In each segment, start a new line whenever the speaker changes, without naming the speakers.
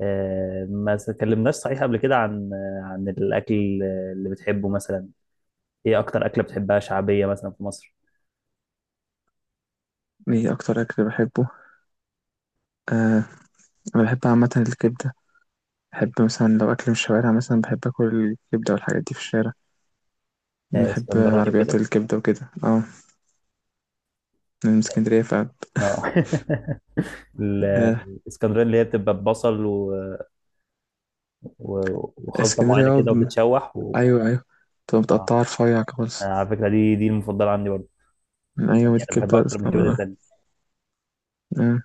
ما اتكلمناش صحيح قبل كده عن عن الأكل اللي بتحبه مثلا. إيه أكتر أكلة بتحبها شعبية مثلا في مصر؟
ايه اكتر اكل بحبه؟ آه انا بحب عامه الكبده. بحب مثلا لو اكل من الشوارع، مثلا بحب اكل الكبده والحاجات دي في الشارع. بحب
اسكندراني
عربيات
وكده،
الكبده وكده. اه، أنا من اسكندريه ف
اه. ال-
آه
الاسكندراني اللي هي بتبقى ببصل و... وخلطة
اسكندريه
معينة
اه،
كده وبتتشوح
ايوه ايوه، بتبقى
اه.
متقطعه رفيع خالص.
على فكرة دي المفضلة عندي برضه. يعني
ايوه، دي
أنا بحبها
الكبده
أكتر من الكبدة
الاسكندريه.
التانية.
اه،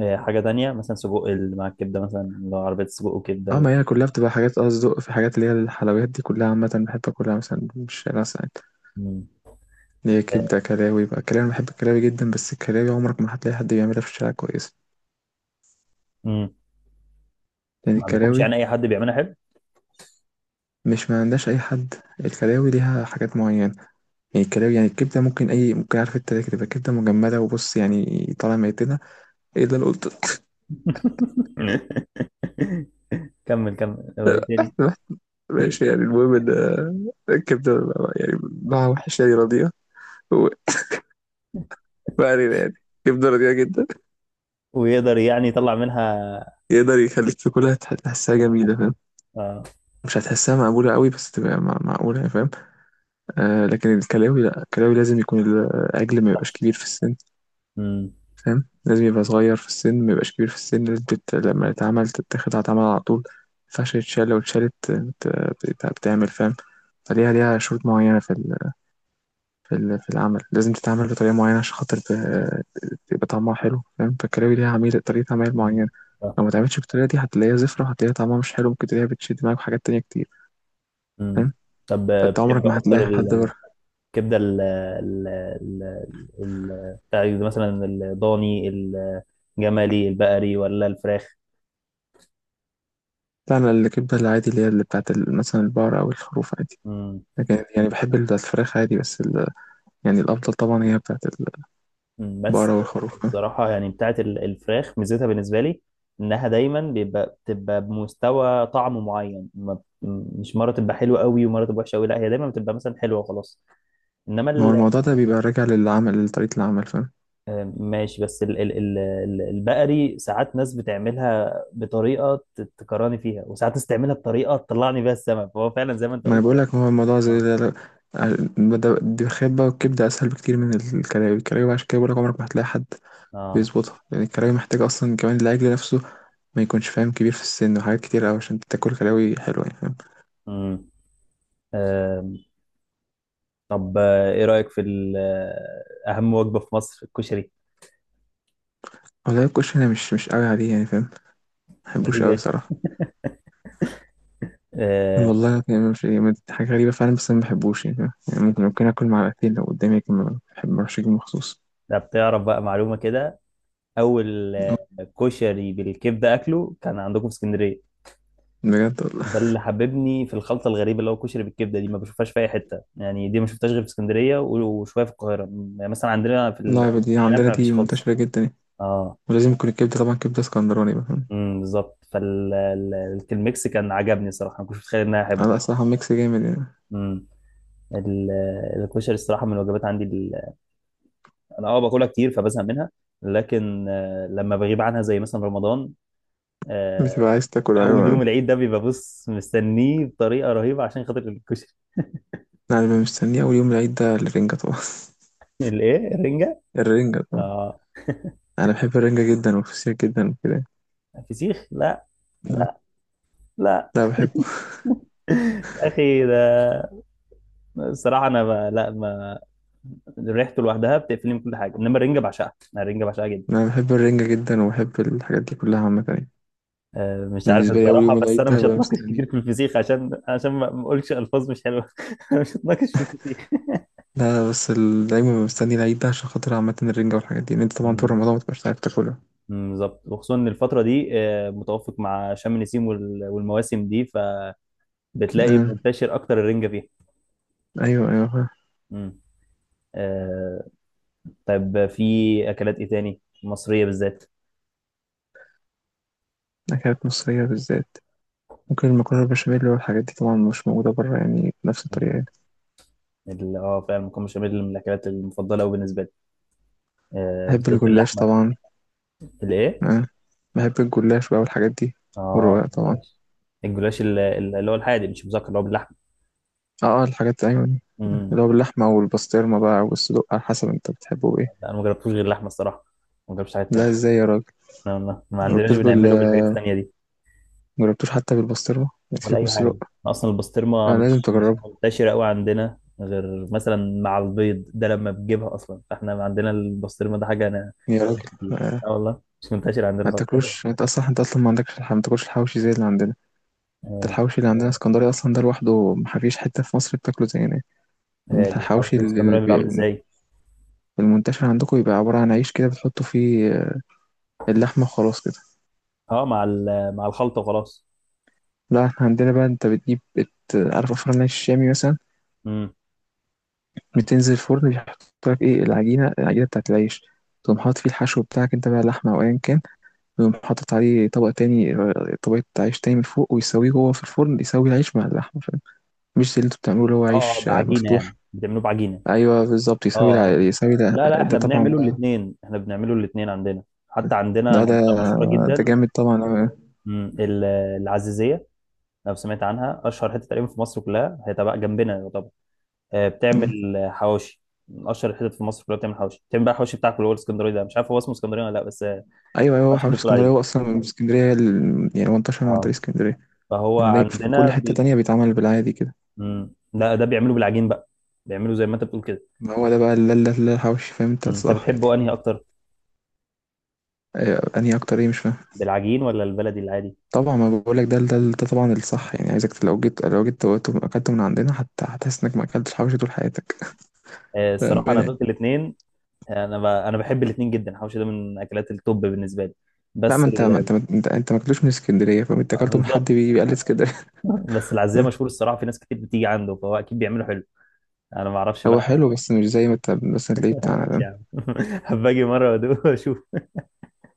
حاجة تانية مثلا سجق اللي مع الكبدة، مثلا اللي هو عربية سجق وكبدة
ما هي كلها بتبقى حاجات اصدق، في حاجات اللي هي الحلويات دي كلها عامه بحب اكلها مثلا من الشارع ساعات.
مم.
اللي هي كبده
آه،
كلاوي بقى. الكلاوي انا بحب الكلاوي جدا، بس الكلاوي عمرك ما هتلاقي حد بيعملها في الشارع كويس.
مم.
يعني
ما عندكمش
الكلاوي،
يعني أي حد بيعملها حلو؟
مش ما عندهاش اي حد، الكلاوي ليها حاجات معينه. يعني الكلاوي، يعني الكبده ممكن، اي ممكن، عارف انت ليه؟ تبقى كبده مجمده، وبص يعني طالع ميتنا. ايه اللي انا قلت؟
كمل كمل، هو ايه تاني؟
ماشي، يعني المهم ان الكبده يعني نوعها وحش يعني، رضيئه. و- ما علينا يعني. كبده رضيئه جدا.
ويقدر يعني يطلع منها.
يقدر يخليك تاكلها، تحسها جميله، فاهم؟
آه.
مش هتحسها مقبوله قوي، بس تبقى معقوله، يعني، فاهم؟ لكن الكلاوي لا، الكلاوي لازم يكون الاجل ما يبقاش
شخص.
كبير في السن،
مم.
فاهم؟ لازم يبقى صغير في السن، ما يبقاش كبير في السن، لازم لما يتعمل تتاخد، هتعمل على طول. ما ينفعش يتشال، لو اتشالت بتعمل، فاهم؟ ليها شروط معينة في في العمل، لازم تتعمل بطريقة معينة عشان خاطر يبقى طعمها حلو، فاهم؟ فالكلاوي ليها عميل طريقة عمل
مم.
معينة.
آه.
لو ما تعملش بالطريقة دي هتلاقيها زفرة، وهتلاقيها طعمها مش حلو، ممكن تلاقيها بتشد معاك في حاجات تانية كتير.
مم.
فاهم؟
طب،
فانت
بتحب
عمرك ما
اكتر
هتلاقي حد بره.
الكبده ال ال ال بتاع مثلا الضاني، الجملي، البقري، ولا الفراخ؟
لا، أنا الكبدة العادي اللي هي اللي بتاعت مثلا البقرة أو الخروف عادي.
مم.
لكن يعني بحب الفراخ عادي، بس يعني الأفضل طبعا هي بتاعت
مم. بس
البقرة والخروف، فاهم؟
الصراحه يعني بتاعت الفراخ ميزتها بالنسبه لي انها دايما بتبقى بمستوى طعم معين، مش مره تبقى حلوه قوي ومره تبقى وحشه قوي، لا هي دايما بتبقى مثلا حلوه وخلاص. انما
ما هو
ال-
الموضوع ده بيبقى راجع للعمل، لطريقة العمل، فاهم؟
ماشي، بس البقري ساعات ناس بتعملها بطريقة تكرهني فيها، وساعات ناس تعملها بطريقة تطلعني بيها السما، فهو فعلا زي ما انت
ما أنا
قلت.
بقولك، هو الموضوع زي
اه،
دي الخبة، والكبدة أسهل بكتير من الكلاوي عشان كده بقولك عمرك ما هتلاقي حد
اه.
بيظبطها، لأن الكلاوي محتاجة أصلا كمان العجل نفسه ما يكونش، فاهم، كبير في السن، وحاجات كتير أوي عشان تاكل كلاوي حلوة، يعني فاهم؟
امم. آم، طب، ايه رأيك في اهم وجبة في مصر، الكشري؟
والله الكشري أنا مش قوي عليه، يعني فاهم؟ مبحبوش
غريب
قوي
يعني.
صراحة.
آه.
والله يعني مش يعني حاجة غريبة فعلا، بس أنا مبحبوش يعني فاهم، يعني ممكن آكل معلقتين لو قدامي، لكن ما بروحش أجيب مخصوص.
ده بتعرف بقى معلومة كده، اول كشري بالكبدة اكله كان عندكم في اسكندرية.
بجد والله.
ده اللي حببني في الخلطه الغريبه اللي هو كشري بالكبده، دي ما بشوفهاش في اي حته يعني، دي ما شفتهاش غير في اسكندريه، وشويه في القاهره، مثلا عندنا في
لا، دي
من القلعه
عندنا
ما فيش
دي
خالص.
منتشرة جدا يعني.
اه.
ولازم يكون الكبدة طبعا كبدة اسكندراني بقى، فاهم؟
امم، بالظبط، فالميكس كان عجبني صراحه، ما كنتش متخيل ان انا احبه.
على الصراحة ميكس جامد يعني.
امم. ال- الكشري الصراحه من الوجبات عندي انا، باكلها كتير فبزهق منها، لكن لما بغيب عنها زي مثلا رمضان،
بتبقى
آه،
عايز تاكل. أيوة،
اول يوم
أنا
العيد ده بيبقى، بص، مستنيه بطريقه رهيبه عشان خاطر الكشري.
اللي مستنيه أول يوم العيد ده الرنجة طبعا.
الايه، الرنجه؟
الرنجة طبعا،
اه.
أنا بحب الرنجة جدا والفسيخ جدا وكده.
فسيخ لا.
تمام؟
لا
لا، بحبه.
يا اخي، ده الصراحه انا لا، ما ريحته لوحدها بتقفلني من كل حاجه، انما الرنجه بعشقها، انا الرنجه بعشقها جدا.
أنا بحب الرنجة جدا، وبحب الحاجات دي كلها عامة يعني.
مش
أنا
عارف
بالنسبة لي أول
الصراحه،
يوم
بس
العيد
انا
ده
مش
ببقى
هتناقش
مستنيه.
كتير في الفسيخ عشان، عشان ما اقولش الفاظ مش حلوه. أنا مش هتناقش في الفسيخ.
لا، بس دايما ببقى مستني العيد ده عشان خاطر عامة الرنجة والحاجات دي، لأن أنت طبعا طول
مم،
رمضان متبقاش عارف تاكلها.
مم، بالظبط، وخصوصا ان الفتره دي متوافق مع شم النسيم والمواسم دي، فبتلاقي
آه،
منتشر اكتر الرنجه فيها.
أيوة أيوة.
مم. آه، طيب، في اكلات ايه تاني مصريه بالذات؟
أكلات مصرية بالذات؟ ممكن المكرونة بالبشاميل والحاجات دي، طبعا مش موجودة برا يعني بنفس الطريقة
مم.
يعني.
اه فعلا المكرونه بشاميل من الاكلات المفضله قوي بالنسبه لي، آه
بحب
بالذات
الجلاش
باللحمه.
طبعا.
الايه؟
أه. بحب الجلاش بقى والحاجات دي، والرقاق
اه،
طبعا.
الجلاش. الجلاش اللي هو الحادق مش مذكر، اللي هو باللحمه.
اه، الحاجات، أيوة،
امم.
اللي هو باللحمة والبسطرمة بقى والصدوق، على حسب انت بتحبه ايه.
لا انا ما جربتوش غير اللحمه الصراحه، ما جربتش حاجات تانية.
لا، ازاي يا راجل؟
ما عندناش
مجربتوش بال
بنعمله بالحاجات التانية دي،
مجربتوش حتى بالبسطرمة؟ يكفيك
ولا
من
اي
الصدوق.
حاجه. اصلا البسطرمه
لازم
مش
تجربه
منتشره قوي عندنا غير مثلا مع البيض ده لما بتجيبها، اصلا فاحنا عندنا البسطرمه ده حاجه، انا
يا راجل.
مش كتير.
آه.
اه والله، مش منتشر عندنا
ما
خالص.
تاكلوش. انت اصلا ما عندكش ما تاكلش الحوشي زي اللي عندنا. انت
آه،
الحوشي اللي عندنا اسكندري اصلا، ده لوحده ما فيش حتة في مصر بتاكله زينا. الحوشي
الحواوشي
اللي
الاسكندراني بيبقى عامل ازاي؟
المنتشر عندكم يبقى عبارة عن عيش كده بتحطوا فيه اللحمة وخلاص كده.
اه، مع الخلطه وخلاص.
لا، احنا عندنا بقى، انت بتجيب عارف افران العيش الشامي مثلا؟
امم.
بتنزل الفرن بيحط لك ايه، العجينة بتاعت العيش. تقوم حاطط فيه الحشو بتاعك انت بقى، لحمة أو أيا كان. ويقوم حاطط عليه طبق تاني، طبقة عيش تاني من فوق، ويسويه جوه في الفرن، يسوي العيش مع اللحمة، فاهم؟ مش زي اللي انتوا بتعملوه اللي هو
اه، اه،
عيش
بعجينه يعني
مفتوح.
بتعملوه بعجينه.
أيوه بالظبط، يسوي
اه،
يسوي ده,
لا لا،
ده
احنا
طبعا
بنعمله
بقى.
الاثنين، احنا بنعمله الاثنين عندنا. حتى عندنا
ده ده
منطقه مشهوره
ده
جدا،
جامد طبعا أوي.
مم، العزيزيه، لو سمعت عنها، اشهر حته تقريبا في مصر كلها، هي تبع جنبنا يعتبر،
مم.
بتعمل حواوشي، من اشهر الحتت في مصر كلها بتعمل حواوشي، بتعمل بقى الحواوشي بتاعك اللي هو الاسكندراني ده، مش عارف هو اسمه اسكندراني ولا لا، بس
ايوه ايوه، هو
الحواوشي اللي انت
حوش
بتقول
اسكندريه،
عليه.
هو اصلا من اسكندريه، يعني هو انتشر عن
اه.
طريق اسكندريه.
فهو
يعني دايما في كل
عندنا
حته تانية بيتعمل بالعادي كده.
مم، لا، ده بيعملوا بالعجين بقى، بيعملوا زي ما انت بتقول كده.
ما هو ده بقى، لا لا لا، الحوش، فاهم انت
مم، انت
الصح يعني.
بتحبه انهي اكتر،
أيوة، انهي اكتر ايه؟ مش فاهم.
بالعجين ولا البلدي العادي؟
طبعا ما بقولك ده طبعا الصح، يعني عايزك لو جيت، اكلت من عندنا حتى هتحس انك ما اكلتش حوش طول حياتك.
الصراحه انا
بامانه.
دقت الاثنين. انا بحب الاثنين جدا، الحوشي ده من اكلات التوب بالنسبه لي.
لا، ما
بس
انت ما انت ما انت, انت ما اكلتوش من اسكندريه، فاهم؟ انت اكلته من حد
بالظبط،
بيقلد اسكندريه.
بس العزية مشهور الصراحه، في ناس كتير بتيجي عنده فهو اكيد بيعمله حلو. انا ما اعرفش
هو
بقى.
حلو، بس مش زي ما انت مثلا تلاقيه بتاعنا
ايش
ده،
يعني. هبقى اجي مره وادوق واشوف.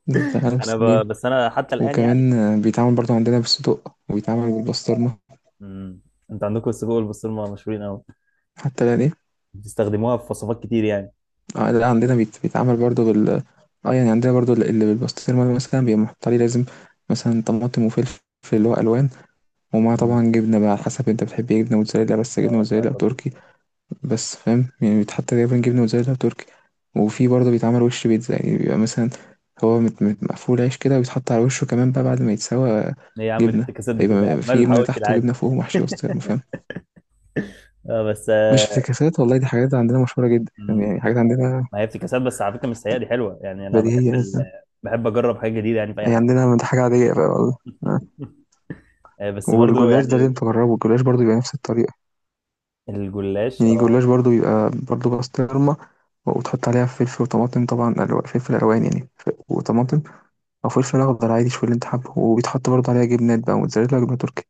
بتاعنا في السنين.
بس انا حتى الان يعني.
وكمان بيتعمل برضه عندنا بالصدق، وبيتعمل بالبسطرمة.
امم. انت عندكم السجق والبسطرمه مشهورين قوي،
حتى لا دي.
بتستخدموها في وصفات كتير يعني.
اه لا، عندنا بيتعمل برضو اه يعني، عندنا برضو اللي بالبسطرمة ده مثلا بيبقى محط عليه لازم مثلا طماطم وفلفل، اللي هو ألوان. ومعاه
امم.
طبعا جبنة بقى، على حسب انت بتحب ايه، جبنة موتزاريلا، بس جبنة
اه، مش
موتزاريلا
عارف
أو
أطبق.
تركي. بس فاهم يعني، بيتحط تقريبا جبنة موتزاريلا أو تركي. وفي برضو بيتعمل وش بيتزا، يعني بيبقى مثلا هو مقفول عيش كده، وبيتحط على وشه كمان بقى بعد ما يتسوى،
ايه يا عم
جبنة.
الافتكاسات دي كلها
فيبقى
عمال
في جبنة
الحواوشي
تحت
العادي؟
وجبنة فوق ومحشي بسطرمة، فاهم؟
اه بس.
مش افتكاسات والله، دي حاجات عندنا مشهورة جدا، فاهم؟
مم.
يعني حاجات عندنا
ما هي افتكاسات، بس على فكره مش سيئه، دي حلوه يعني. انا بحب
بديهية يعني.
بحب اجرب حاجه جديده يعني في اي
هي
حاجه.
عندنا دي حاجة عادية بقى والله. آه.
بس برضو
والجلاش ده
يعني.
لازم تجربه، الجلاش برضو بيبقى نفس الطريقة.
الجلاش،
يعني
اه.
الجلاش برضو بيبقى برضو بسطرمة، وتحط عليها فلفل وطماطم طبعا فلفل ألوان يعني، وطماطم. أو فلفل أخضر عادي، شوف اللي أنت حابه، وبيتحط برضو عليها جبنات بقى، موتزاريلا وجبنة تركي.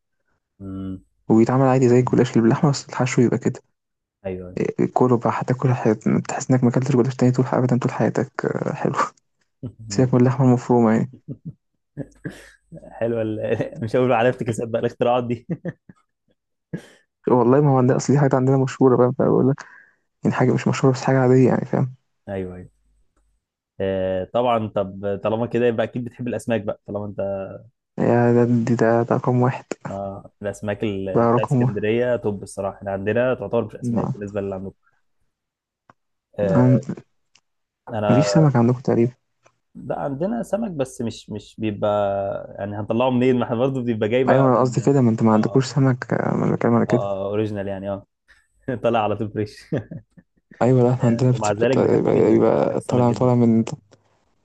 مم.
وبيتعمل عادي زي
مم.
الجلاش اللي باللحمة، بس الحشو يبقى كده
ايوه.
كله بقى. هتاكل حياتك تحس إنك ما أكلتش جلاش تاني طول، أبدا طول حياتك، حلو.
أيوة.
سيبك من اللحمة المفرومة يعني.
حلوه مش هقول على افتكاسات بقى، الاختراعات دي.
والله ما هو عندنا أصل دي حاجة عندنا مشهورة بقى بقول لك، يعني حاجة مش مشهورة، بس حاجة عادية يعني، فاهم؟
ايوه، ايوه. آه طبعا، طب طالما كده يبقى اكيد بتحب الاسماك بقى طالما انت.
يا ده ده رقم واحد.
آه، الاسماك
ده
بتاعت
رقم واحد،
اسكندريه، طب الصراحه احنا عندنا تعتبر مش اسماك
ما
بالنسبه اللي عندكم. آه.
أم- مفيش
انا.
سمك عندكم تقريبا.
لا عندنا سمك، بس مش بيبقى يعني، هنطلعه منين، ما احنا برضه بيبقى جاي
ايوه
بقى
انا قصدي
من.
كده، ما انت ما
اه،
عندكوش
اه.
سمك. ما انا بتكلم على كده.
اه، اوريجينال يعني، اه. طالع على طول فريش.
ايوه لا، احنا عندنا
ومع ذلك بحبه
يبقى
جدا، انا بحب
يبقى
السمك
طالع
جدا.
طالع من،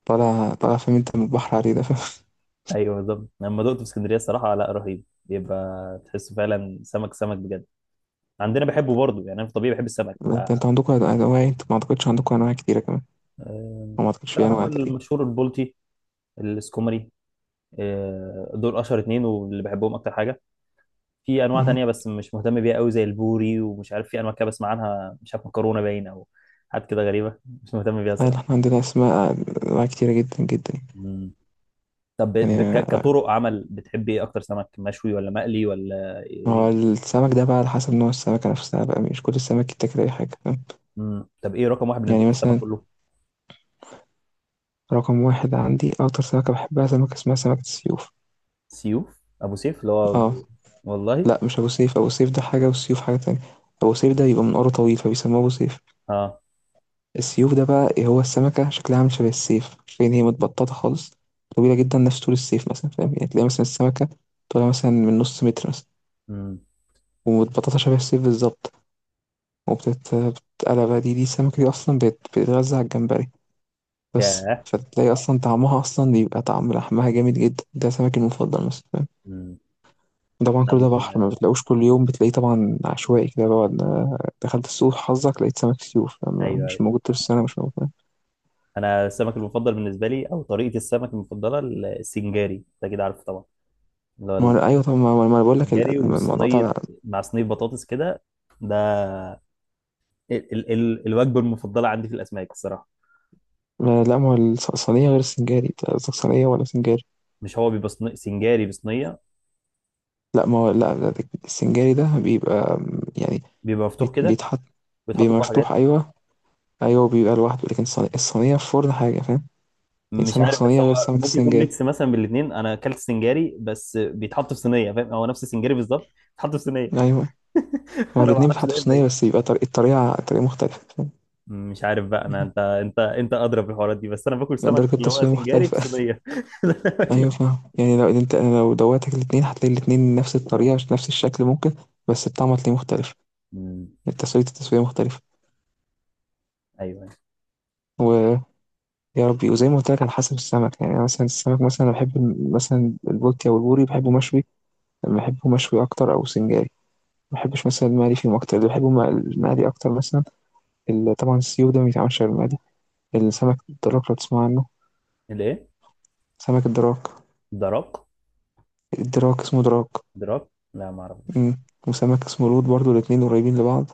طالع طالع فاهم، انت من البحر عليه ده، فاهم؟
ايوه بالظبط، لما دقته في اسكندريه، الصراحه لا رهيب، بيبقى تحسه فعلا سمك سمك بجد. عندنا بحبه برضه يعني، انا في الطبيعي بحب السمك ف...
انتوا عندكم انواع، انت ما اعتقدش عندكم انواع كتيره كمان،
آه،
أو ما اعتقدش
لا،
في
هو
انواع تقريبا.
المشهور البلطي، السكومري، دول اشهر اتنين واللي بحبهم اكتر حاجه. في انواع
مهم.
تانية بس مش مهتم بيها قوي، زي البوري، ومش عارف، في انواع كده بسمع عنها مش عارف، مكرونه باين او حاجات كده غريبه، مش مهتم بيها
ايوه، احنا
الصراحه.
عندنا اسماء، انواع كتيره جدا جدا.
مم. طب
يعني
كطرق عمل بتحب ايه اكتر، سمك مشوي ولا مقلي ولا إيه؟
هو السمك ده بقى على حسب نوع السمكه نفسها بقى، مش كل السمك يتاكل اي حاجه، فاهم؟
مم. طب ايه رقم واحد بالنسبه لك
يعني
في السما
مثلا،
كله؟
رقم واحد عندي أكتر سمكة بحبها، سمكة اسمها سمكة السيوف.
سيوف، ابو سيف اللي هو؟
اه
والله.
لا، مش أبو سيف، أبو سيف ده حاجة والسيوف حاجة تانية. أبو سيف ده بيبقى منقاره طويل فبيسموه أبو سيف.
اه.
السيوف ده بقى إيه، هو السمكة شكلها عامل شبه السيف، فين هي متبططة خالص، طويلة جدا، نفس طول السيف مثلا، فاهم يعني؟ تلاقي مثلا السمكة طولها مثلا من نص متر مثلا،
امم.
ومتبططة شبه السيف بالظبط. وبتتقلب بقى، دي السمكة دي أصلا بتتغذى على الجمبري بس،
ياه.
فتلاقي أصلا طعمها أصلا بيبقى طعم لحمها جامد جدا، ده سمكي المفضل مثلا.
امم.
طبعا
انا
كل
قبل
ده بحر، ما
كده-
بتلاقوش كل يوم بتلاقيه طبعا، عشوائي كده بعد ما دخلت السوق حظك لقيت سمك سيوف، أما
ايوه، ايوه.
مش موجود طول السنة مش موجود.
انا السمك المفضل بالنسبه لي او طريقه السمك المفضله، السنجاري، انت اكيد عارفه طبعا، اللي هو
ما هو أيوة طبعا، ما أنا بقول لك
السنجاري
الموضوع ده.
وصينيه، مع صينيه بطاطس كده، ده ال ال ال الوجبه المفضله عندي في الاسماك الصراحه.
لا ما هو، الصينية غير السنجاري، أنت قصدك صينية ولا سنجاري؟
مش هو بيبقى سنجاري بصينيه؟
لا ما هو لا لا، السنجاري ده بيبقى يعني
بيبقى مفتوح كده،
بيتحط،
بيتحط
بيبقى
جواه
مفتوح.
حاجات.
أيوة، أيوة بيبقى لوحده، لكن الصينية، الصينية في فرن حاجة، فاهم؟ يعني
مش
سمك
عارف بس
صينية
هو
غير سمك
ممكن يكون
السنجاري.
ميكس مثلا من الاثنين، انا اكلت سنجاري بس بيتحط في صينيه فاهم، هو نفس السنجاري بالظبط بيتحط في صينيه.
أيوة، ما هو
انا ما
الاتنين
اعرفش ده
بيتحطوا
إيه
في
بقى.
صينية، بس يبقى طريقة، الطريقة مختلفة، فاهم؟
مش عارف بقى انا،
مم.
انت ادرى في الحوارات دي، بس انا باكل سمك
درجة
اللي هو
التسوية
سنجاري في
مختلفة.
صينيه. ده اللي أنا باكله.
ايوه فاهم يعني، لو انت انا لو دوتك الاتنين هتلاقي الاتنين نفس الطريقه عشان نفس الشكل ممكن، بس الطعم هتلاقيه مختلف.
أمم،
التسويه مختلفه.
ايوه.
ويا ربي، وزي ما قلت لك، على حسب السمك، يعني أنا مثلا السمك مثلا انا بحب مثلا البولتي او البوري بحبه مشوي. بحبه مشوي اكتر، او سنجاري. ما بحبش مثلا المقلي فيهم اكتر. اللي بحبه المقلي اكتر مثلا. طبعا السيو ده ما بيتعملش غير المقلي. السمك الدراك لو تسمع عنه،
الايه؟
سمك الدراك،
دراك،
الدراك اسمه دراك.
دراك. لا، ما اعرفوش.
أمم. وسمك اسمه لود برضو، الاتنين قريبين لبعض.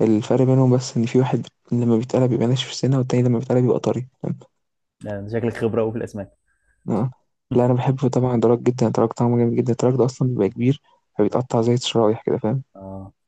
الفرق بينهم بس إن في واحد لما بيتقلب بيبقى ناشف السنة، والتاني لما بيتقلب بيبقى طري، فاهم؟
لا، أنت شكلك خبره قوي في الاسماك.
آه. لا، أنا بحب طبعا دراج جدا، دراج طعمه جامد جدا، دراج ده أصلا بيبقى كبير فبيتقطع زي الشرايح كده، فاهم؟
اه.